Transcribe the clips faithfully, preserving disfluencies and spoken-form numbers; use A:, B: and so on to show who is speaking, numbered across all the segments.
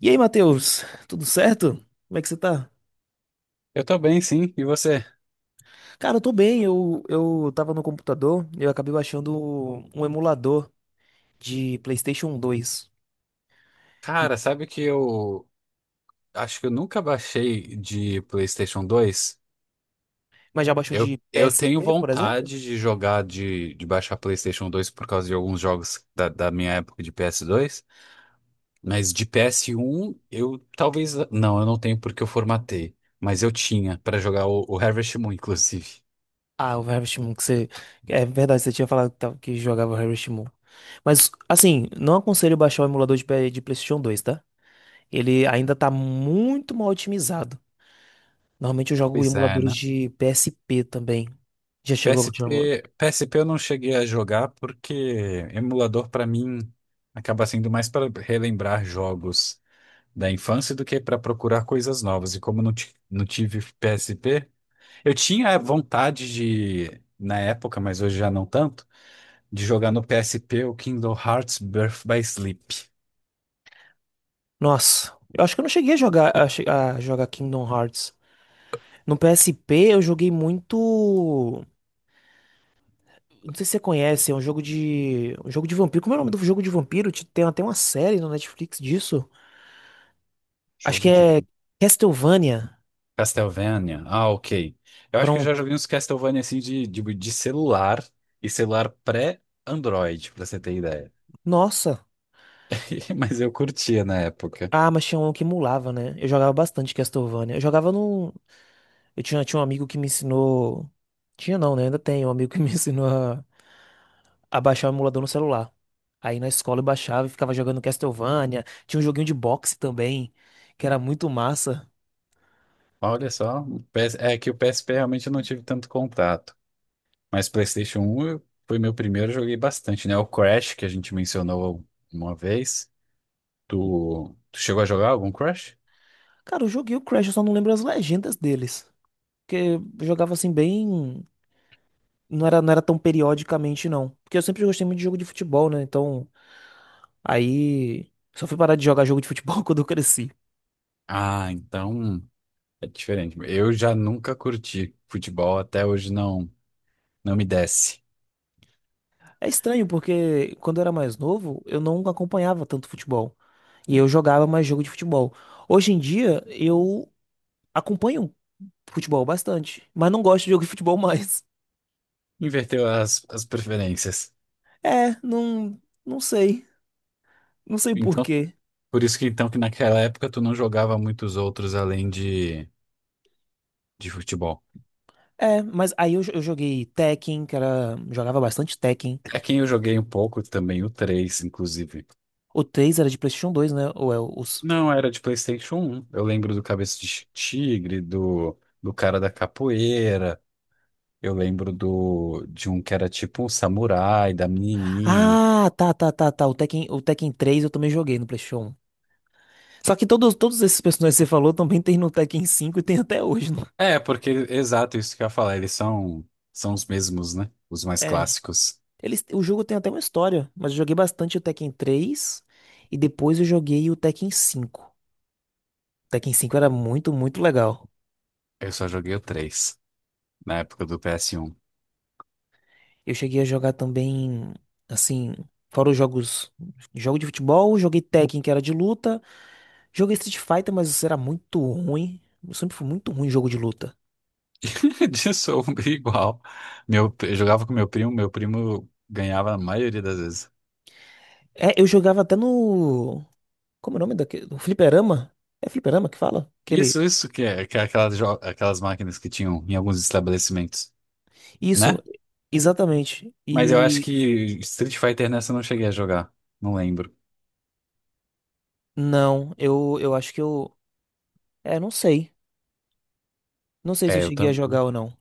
A: E aí, Matheus, tudo certo? Como é que você tá?
B: Eu tô bem, sim. E você?
A: Cara, eu tô bem. Eu, eu tava no computador e eu acabei baixando um emulador de PlayStation dois. E-
B: Cara, sabe que eu acho que eu nunca baixei de PlayStation dois?
A: Mas já baixou
B: Eu,
A: de
B: eu tenho
A: P S P, por exemplo?
B: vontade de jogar, de, de baixar PlayStation dois por causa de alguns jogos da, da minha época de P S dois, mas de P S um eu talvez. Não, eu não tenho porque eu formatei, mas eu tinha pra jogar o, o Harvest Moon, inclusive.
A: Ah, o Harvest Moon, que você. É verdade, você tinha falado que tava- que jogava o Harvest Moon. Mas, assim, não aconselho baixar o emulador de, P- de PlayStation dois, tá? Ele ainda tá muito mal otimizado. Normalmente eu jogo
B: Pois é,
A: emuladores
B: né?
A: de P S P também. Já chegou a baixar um...
B: P S P, P S P eu não cheguei a jogar porque emulador pra mim acaba sendo mais para relembrar jogos da infância do que para procurar coisas novas. E como eu não, ti- não tive P S P, eu tinha vontade de, na época, mas hoje já não tanto, de jogar no P S P o Kingdom Hearts Birth by Sleep.
A: Nossa, eu acho que eu não cheguei a jogar a, che- a jogar Kingdom Hearts. No P S P eu joguei muito. Não sei se você conhece, é um jogo de. Um jogo de vampiro. Como é o nome do jogo de vampiro? Ti- Tem até uma série no Netflix disso. Acho que
B: Jogo de
A: é Castlevania.
B: Castlevania. Ah, ok. Eu acho que eu já
A: Pronto.
B: joguei uns Castlevania assim de, de, de celular e celular pré-Android, pra você ter ideia.
A: Nossa.
B: Mas eu curtia na época.
A: Ah, mas tinha um que emulava, né? Eu jogava bastante Castlevania. Eu jogava num. Eu tinha, tinha um amigo que me ensinou. Tinha não, né? Ainda tem um amigo que me ensinou a baixar o emulador no celular. Aí na escola eu baixava e ficava jogando Castlevania. Tinha um joguinho de boxe também, que era muito massa.
B: Olha só, o P S é que o P S P realmente eu não tive tanto contato. Mas PlayStation um eu- foi meu primeiro, eu joguei bastante, né? O Crash, que a gente mencionou uma vez. Tu, tu chegou a jogar algum Crash?
A: Cara, eu joguei o Crash, eu só não lembro as legendas deles. Porque eu jogava assim bem. Não era, não era tão periodicamente, não. Porque eu sempre gostei muito de jogo de futebol, né? Então, aí. Só fui parar de jogar jogo de futebol quando eu cresci.
B: Ah, então é diferente. Eu já nunca curti futebol, até hoje não, não me desce.
A: É estranho, porque quando eu era mais novo, eu não acompanhava tanto futebol. E eu jogava mais jogo de futebol. Hoje em dia, eu acompanho futebol bastante, mas não gosto de jogo de futebol mais.
B: Inverteu as, as preferências.
A: É, não, não sei, não sei por
B: Então,
A: quê.
B: por isso que então que naquela época tu não jogava muitos outros além de, de futebol.
A: É, mas aí eu, jo- eu joguei Tekken, que era, jogava bastante Tekken.
B: É quem eu joguei um pouco também, o três inclusive.
A: O três era de PlayStation dois, né? Ou é o- os
B: Não, era de PlayStation um. Eu lembro do Cabeça de Chi- Tigre, do, do cara da capoeira. Eu lembro do, de um que era tipo um samurai, da menininha.
A: Ah, tá, tá, tá, tá. O Tekken, o Tekken três eu também joguei no PlayStation um. Só que todos, todos esses personagens que você falou também tem no Tekken cinco e tem até hoje, né?
B: É, porque, exato, isso que eu ia falar. Eles são, são os mesmos, né? Os mais
A: É.
B: clássicos.
A: Eles, o jogo tem até uma história, mas eu joguei bastante o Tekken três e depois eu joguei o Tekken cinco. O Tekken cinco era muito, muito legal.
B: Eu só joguei o três, na época do ps um.
A: Eu cheguei a jogar também, assim, fora os jogos, jogo de futebol, joguei Tekken, que era de luta, joguei Street Fighter, mas isso era muito ruim. Eu sempre fui muito ruim em jogo de luta.
B: De sombra igual. Meu, eu jogava com meu primo, meu primo ganhava a maioria das vezes.
A: É, eu jogava até no, como é o nome daquele, no fliperama? É fliperama que fala? Aquele,
B: Isso, isso que é, que é aquelas, jo- aquelas máquinas que tinham em alguns estabelecimentos,
A: isso,
B: né?
A: exatamente.
B: Mas eu acho
A: E
B: que Street Fighter nessa eu não cheguei a jogar. Não lembro.
A: não, eu eu acho que eu, é, não sei. Não sei se eu
B: É, eu
A: cheguei a jogar
B: também.
A: ou não,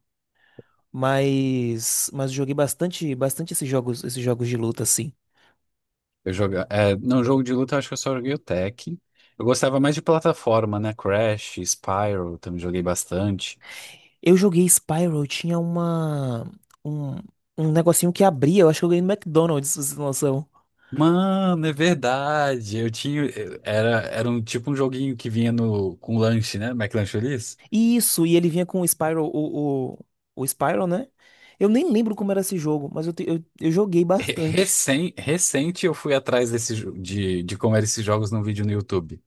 A: mas mas eu joguei bastante, bastante esses jogos, esses jogos de luta assim.
B: Eu joga... é, não, jogo de luta eu acho que eu só joguei o Tekken. Eu gostava mais de plataforma, né? Crash, Spyro, também joguei bastante.
A: Eu joguei Spyro, tinha uma. Um, um negocinho que abria, eu acho que eu ganhei no McDonald's, pra vocês terem noção.
B: Mano, é verdade. Eu tinha. eu- Era, era um tipo um joguinho que vinha no, com lanche, né? McLancholis.
A: Isso, e ele vinha com o Spyro, o, o, o Spyro, né? Eu nem lembro como era esse jogo, mas eu, te- eu, eu joguei bastante.
B: Recém, recente eu fui atrás desse, jo- de, de como eram esses jogos num vídeo no YouTube.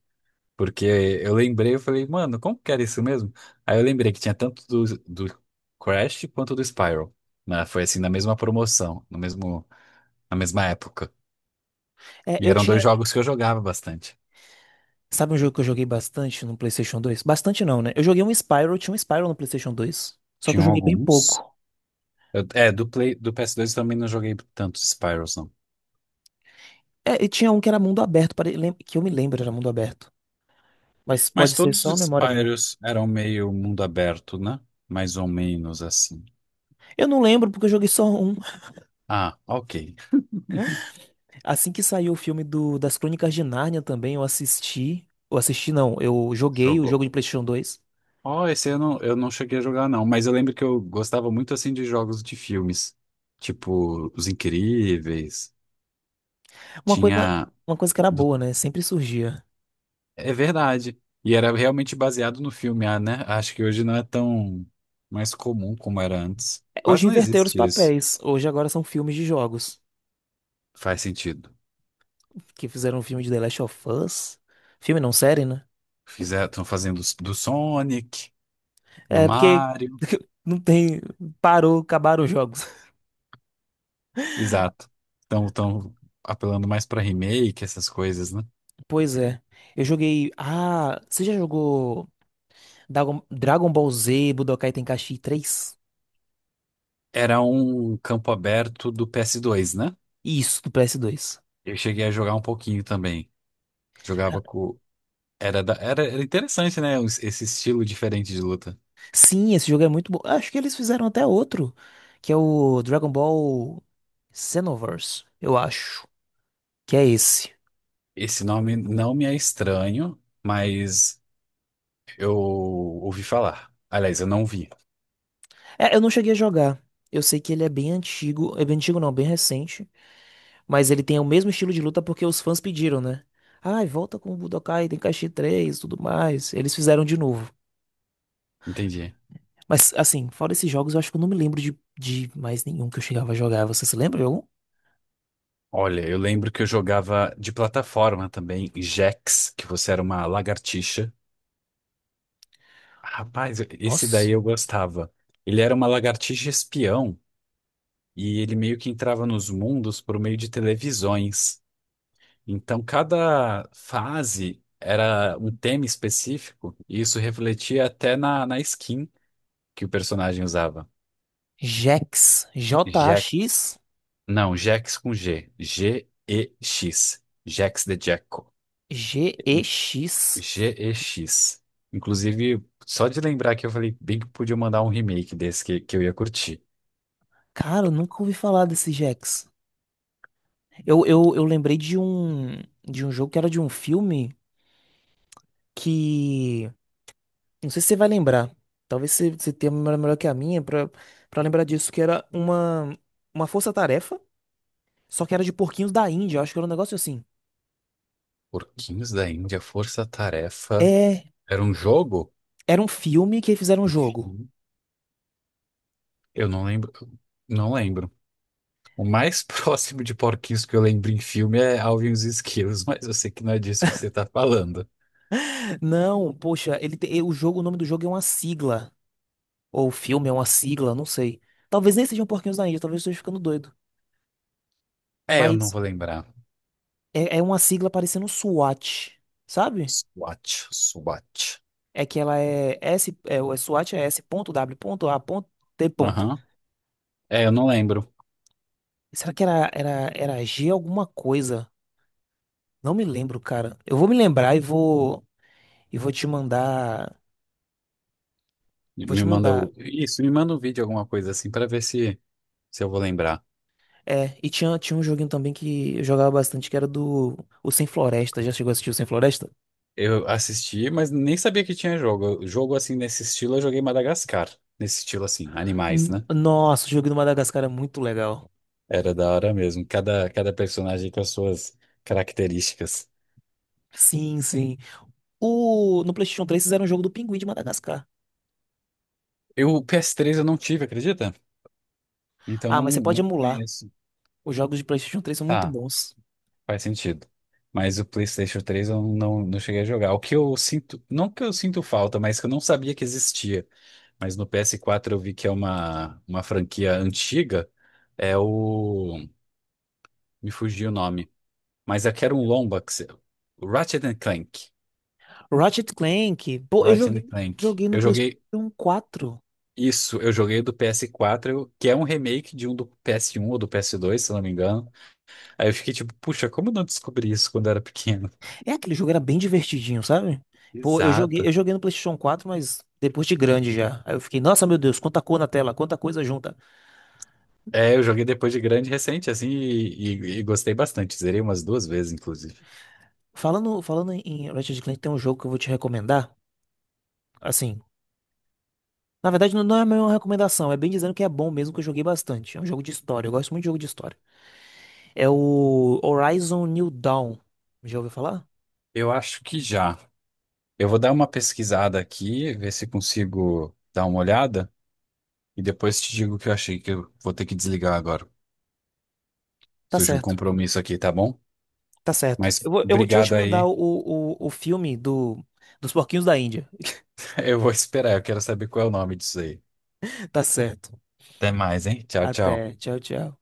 B: Porque eu lembrei, eu falei, mano, como que era isso mesmo? Aí eu lembrei que tinha tanto do, do Crash quanto do Spyro. Né? Foi assim, na mesma promoção, no mesmo, na mesma época.
A: É,
B: E
A: eu
B: eram dois
A: tinha.
B: jogos que eu jogava bastante.
A: Sabe um jogo que eu joguei bastante no PlayStation dois? Bastante não, né? Eu joguei um Spyro, tinha um Spyro no PlayStation dois. Só que eu
B: Tinham
A: joguei bem
B: alguns.
A: pouco.
B: Eu- é, do Play, do P S dois eu também não joguei tantos Spyros, não.
A: É, e tinha um que era mundo aberto, pare- lem- que eu me lembro era mundo aberto. Mas
B: Mas
A: pode ser
B: todos
A: só a
B: os
A: memória minha.
B: Spyros eram meio mundo aberto, né? Mais ou menos assim.
A: Eu não lembro porque eu joguei só um.
B: Ah, ok.
A: Assim que saiu o filme do, das Crônicas de Nárnia também, eu assisti. Eu assisti, não, eu joguei o
B: Jogou.
A: jogo de PlayStation dois.
B: Ó, esse eu não, eu não cheguei a jogar, não. Mas eu lembro que eu gostava muito, assim, de jogos de filmes. Tipo, Os Incríveis.
A: Uma coisa,
B: Tinha...
A: uma coisa que era
B: do-
A: boa, né? Sempre surgia.
B: É verdade. E era realmente baseado no filme, ah, né? Acho que hoje não é tão mais comum como era antes.
A: É,
B: Quase
A: hoje
B: não
A: inverteram os
B: existe isso.
A: papéis. Hoje agora são filmes de jogos.
B: Faz sentido.
A: Que fizeram um filme de The Last of Us. Filme não, série, né?
B: Fizeram, estão fazendo s- do Sonic, do
A: É, porque
B: Mario.
A: não tem. Parou, acabaram os jogos.
B: Exato. Estão estão apelando mais para remake, essas coisas, né?
A: Pois é. Eu joguei. Ah, você já jogou Dragon, Dragon Ball Z Budokai Tenkaichi três?
B: Era um campo aberto do ps dois né?
A: Isso, do P S dois.
B: Eu cheguei a jogar um pouquinho também. Jogava com. Era, da- era, era interessante, né? os- Esse estilo diferente de luta.
A: Sim, esse jogo é muito bom. Acho que eles fizeram até outro, que é o Dragon Ball Xenoverse, eu acho. Que é esse.
B: Esse nome não me é estranho, mas eu ouvi falar. Aliás, eu não vi.
A: É, eu não cheguei a jogar. Eu sei que ele é bem antigo. É bem antigo não, bem recente. Mas ele tem o mesmo estilo de luta porque os fãs pediram, né? Ai, volta com o Budokai Tenkaichi três e tudo mais. Eles fizeram de novo.
B: Entendi.
A: Mas, assim, fora esses jogos, eu acho que eu não me lembro de, de mais nenhum que eu chegava a jogar. Você se lembra de algum?
B: Olha, eu lembro que eu jogava de plataforma também, Jax, que você era uma lagartixa. Rapaz, esse
A: Nossa.
B: daí eu gostava. Ele era uma lagartixa espião e ele meio que entrava nos mundos por meio de televisões. Então, cada fase era um tema específico, e isso refletia até na, na skin que o personagem usava.
A: Jax.
B: Jax.
A: J-A-X.
B: Não, Jax com G. G-E-X. Jax de Jackal.
A: G-E-X.
B: G E X. Inclusive, só de lembrar que eu falei bem que podia mandar um remake desse que, que eu ia curtir.
A: Cara, eu nunca ouvi falar desse Jax. Eu, eu, eu lembrei de um de um jogo que era de um filme que. Não sei se você vai lembrar. Talvez você, você tenha uma memória melhor que a minha pra, pra lembrar disso, que era uma, uma força-tarefa, só que era de porquinhos da Índia. Eu acho que era um negócio assim.
B: Porquinhos da Índia, Força Tarefa.
A: É.
B: Era um jogo?
A: Era um filme que fizeram um jogo.
B: Enfim, eu não lembro. Não lembro. O mais próximo de porquinhos que eu lembro em filme é Alvin e os Esquilos, mas eu sei que não é disso que você tá falando.
A: Não, poxa, ele te- o jogo, o nome do jogo é uma sigla. Ou o filme é uma sigla, não sei. Talvez nem sejam porquinhos da Índia, talvez eu esteja ficando doido.
B: É, eu não
A: Mas
B: vou lembrar.
A: É, é uma sigla parecendo SWAT, sabe?
B: SWAT, SWAT.
A: É que ela é S, é, o SWAT é S W A T.
B: Aham. É, eu não lembro.
A: Será que era, era, era G alguma coisa? Não me lembro, cara. Eu vou me lembrar e vou e vou te mandar, vou te
B: Me manda
A: mandar.
B: o... Isso, me manda um vídeo, alguma coisa assim, pra ver se, se eu vou lembrar.
A: É, e tinha tinha um joguinho também que eu jogava bastante, que era do o Sem Floresta. Já chegou a assistir o Sem Floresta?
B: Eu assisti, mas nem sabia que tinha jogo. Jogo assim, nesse estilo, eu joguei Madagascar. Nesse estilo assim, animais,
A: N-
B: né?
A: Nossa, o jogo do Madagascar é muito legal.
B: Era da hora mesmo. Cada, cada personagem com as suas características.
A: Sim, sim. O, no PlayStation três fizeram um jogo do Pinguim de Madagascar.
B: Eu, o P S três eu não tive, acredita? Então
A: Ah,
B: não,
A: mas você pode
B: não
A: emular.
B: conheço.
A: Os jogos de PlayStation três são muito
B: Tá,
A: bons.
B: faz sentido. Mas o PlayStation três eu não, não cheguei a jogar. O que eu sinto, não que eu sinto falta, mas que eu não sabia que existia. Mas no ps quatro eu vi que é uma, uma, franquia antiga. É o. Me fugiu o nome. Mas é que era um lomba. Que se- Ratchet and Clank.
A: Ratchet Clank, pô, eu
B: Ratchet
A: joguei,
B: and Clank.
A: joguei no
B: Eu joguei.
A: PlayStation quatro.
B: Isso, eu joguei do ps quatro que é um remake de um do ps um ou do ps dois se não me engano. Aí eu fiquei tipo, puxa, como eu não descobri isso quando eu era pequeno?
A: É aquele jogo era bem divertidinho, sabe? Pô, eu joguei,
B: Exato.
A: eu joguei no PlayStation quatro, mas depois de grande já. Aí eu fiquei, nossa, meu Deus, quanta cor na tela, quanta coisa junta.
B: É, eu joguei depois de grande, recente, assim, e, e- e gostei bastante. Zerei umas duas vezes, inclusive.
A: Falando, falando em Ratchet Clank, tem um jogo que eu vou te recomendar. Assim, na verdade não não é uma recomendação, é bem dizendo que é bom mesmo que eu joguei bastante. É um jogo de história, eu gosto muito de jogo de história. É o Horizon New Dawn. Já ouviu falar?
B: Eu acho que já. Eu vou dar uma pesquisada aqui, ver se consigo dar uma olhada, e depois te digo o que eu achei que eu vou ter que desligar agora.
A: Tá
B: Surgiu um
A: certo.
B: compromisso aqui, tá bom?
A: Tá certo.
B: Mas
A: Eu vou, eu vou te vou
B: obrigado
A: te mandar
B: aí.
A: o, o, o filme do, dos porquinhos da Índia.
B: Eu vou esperar, eu quero saber qual é o nome disso aí.
A: Tá certo.
B: Até mais, hein? Tchau, tchau.
A: Até. Tchau, tchau.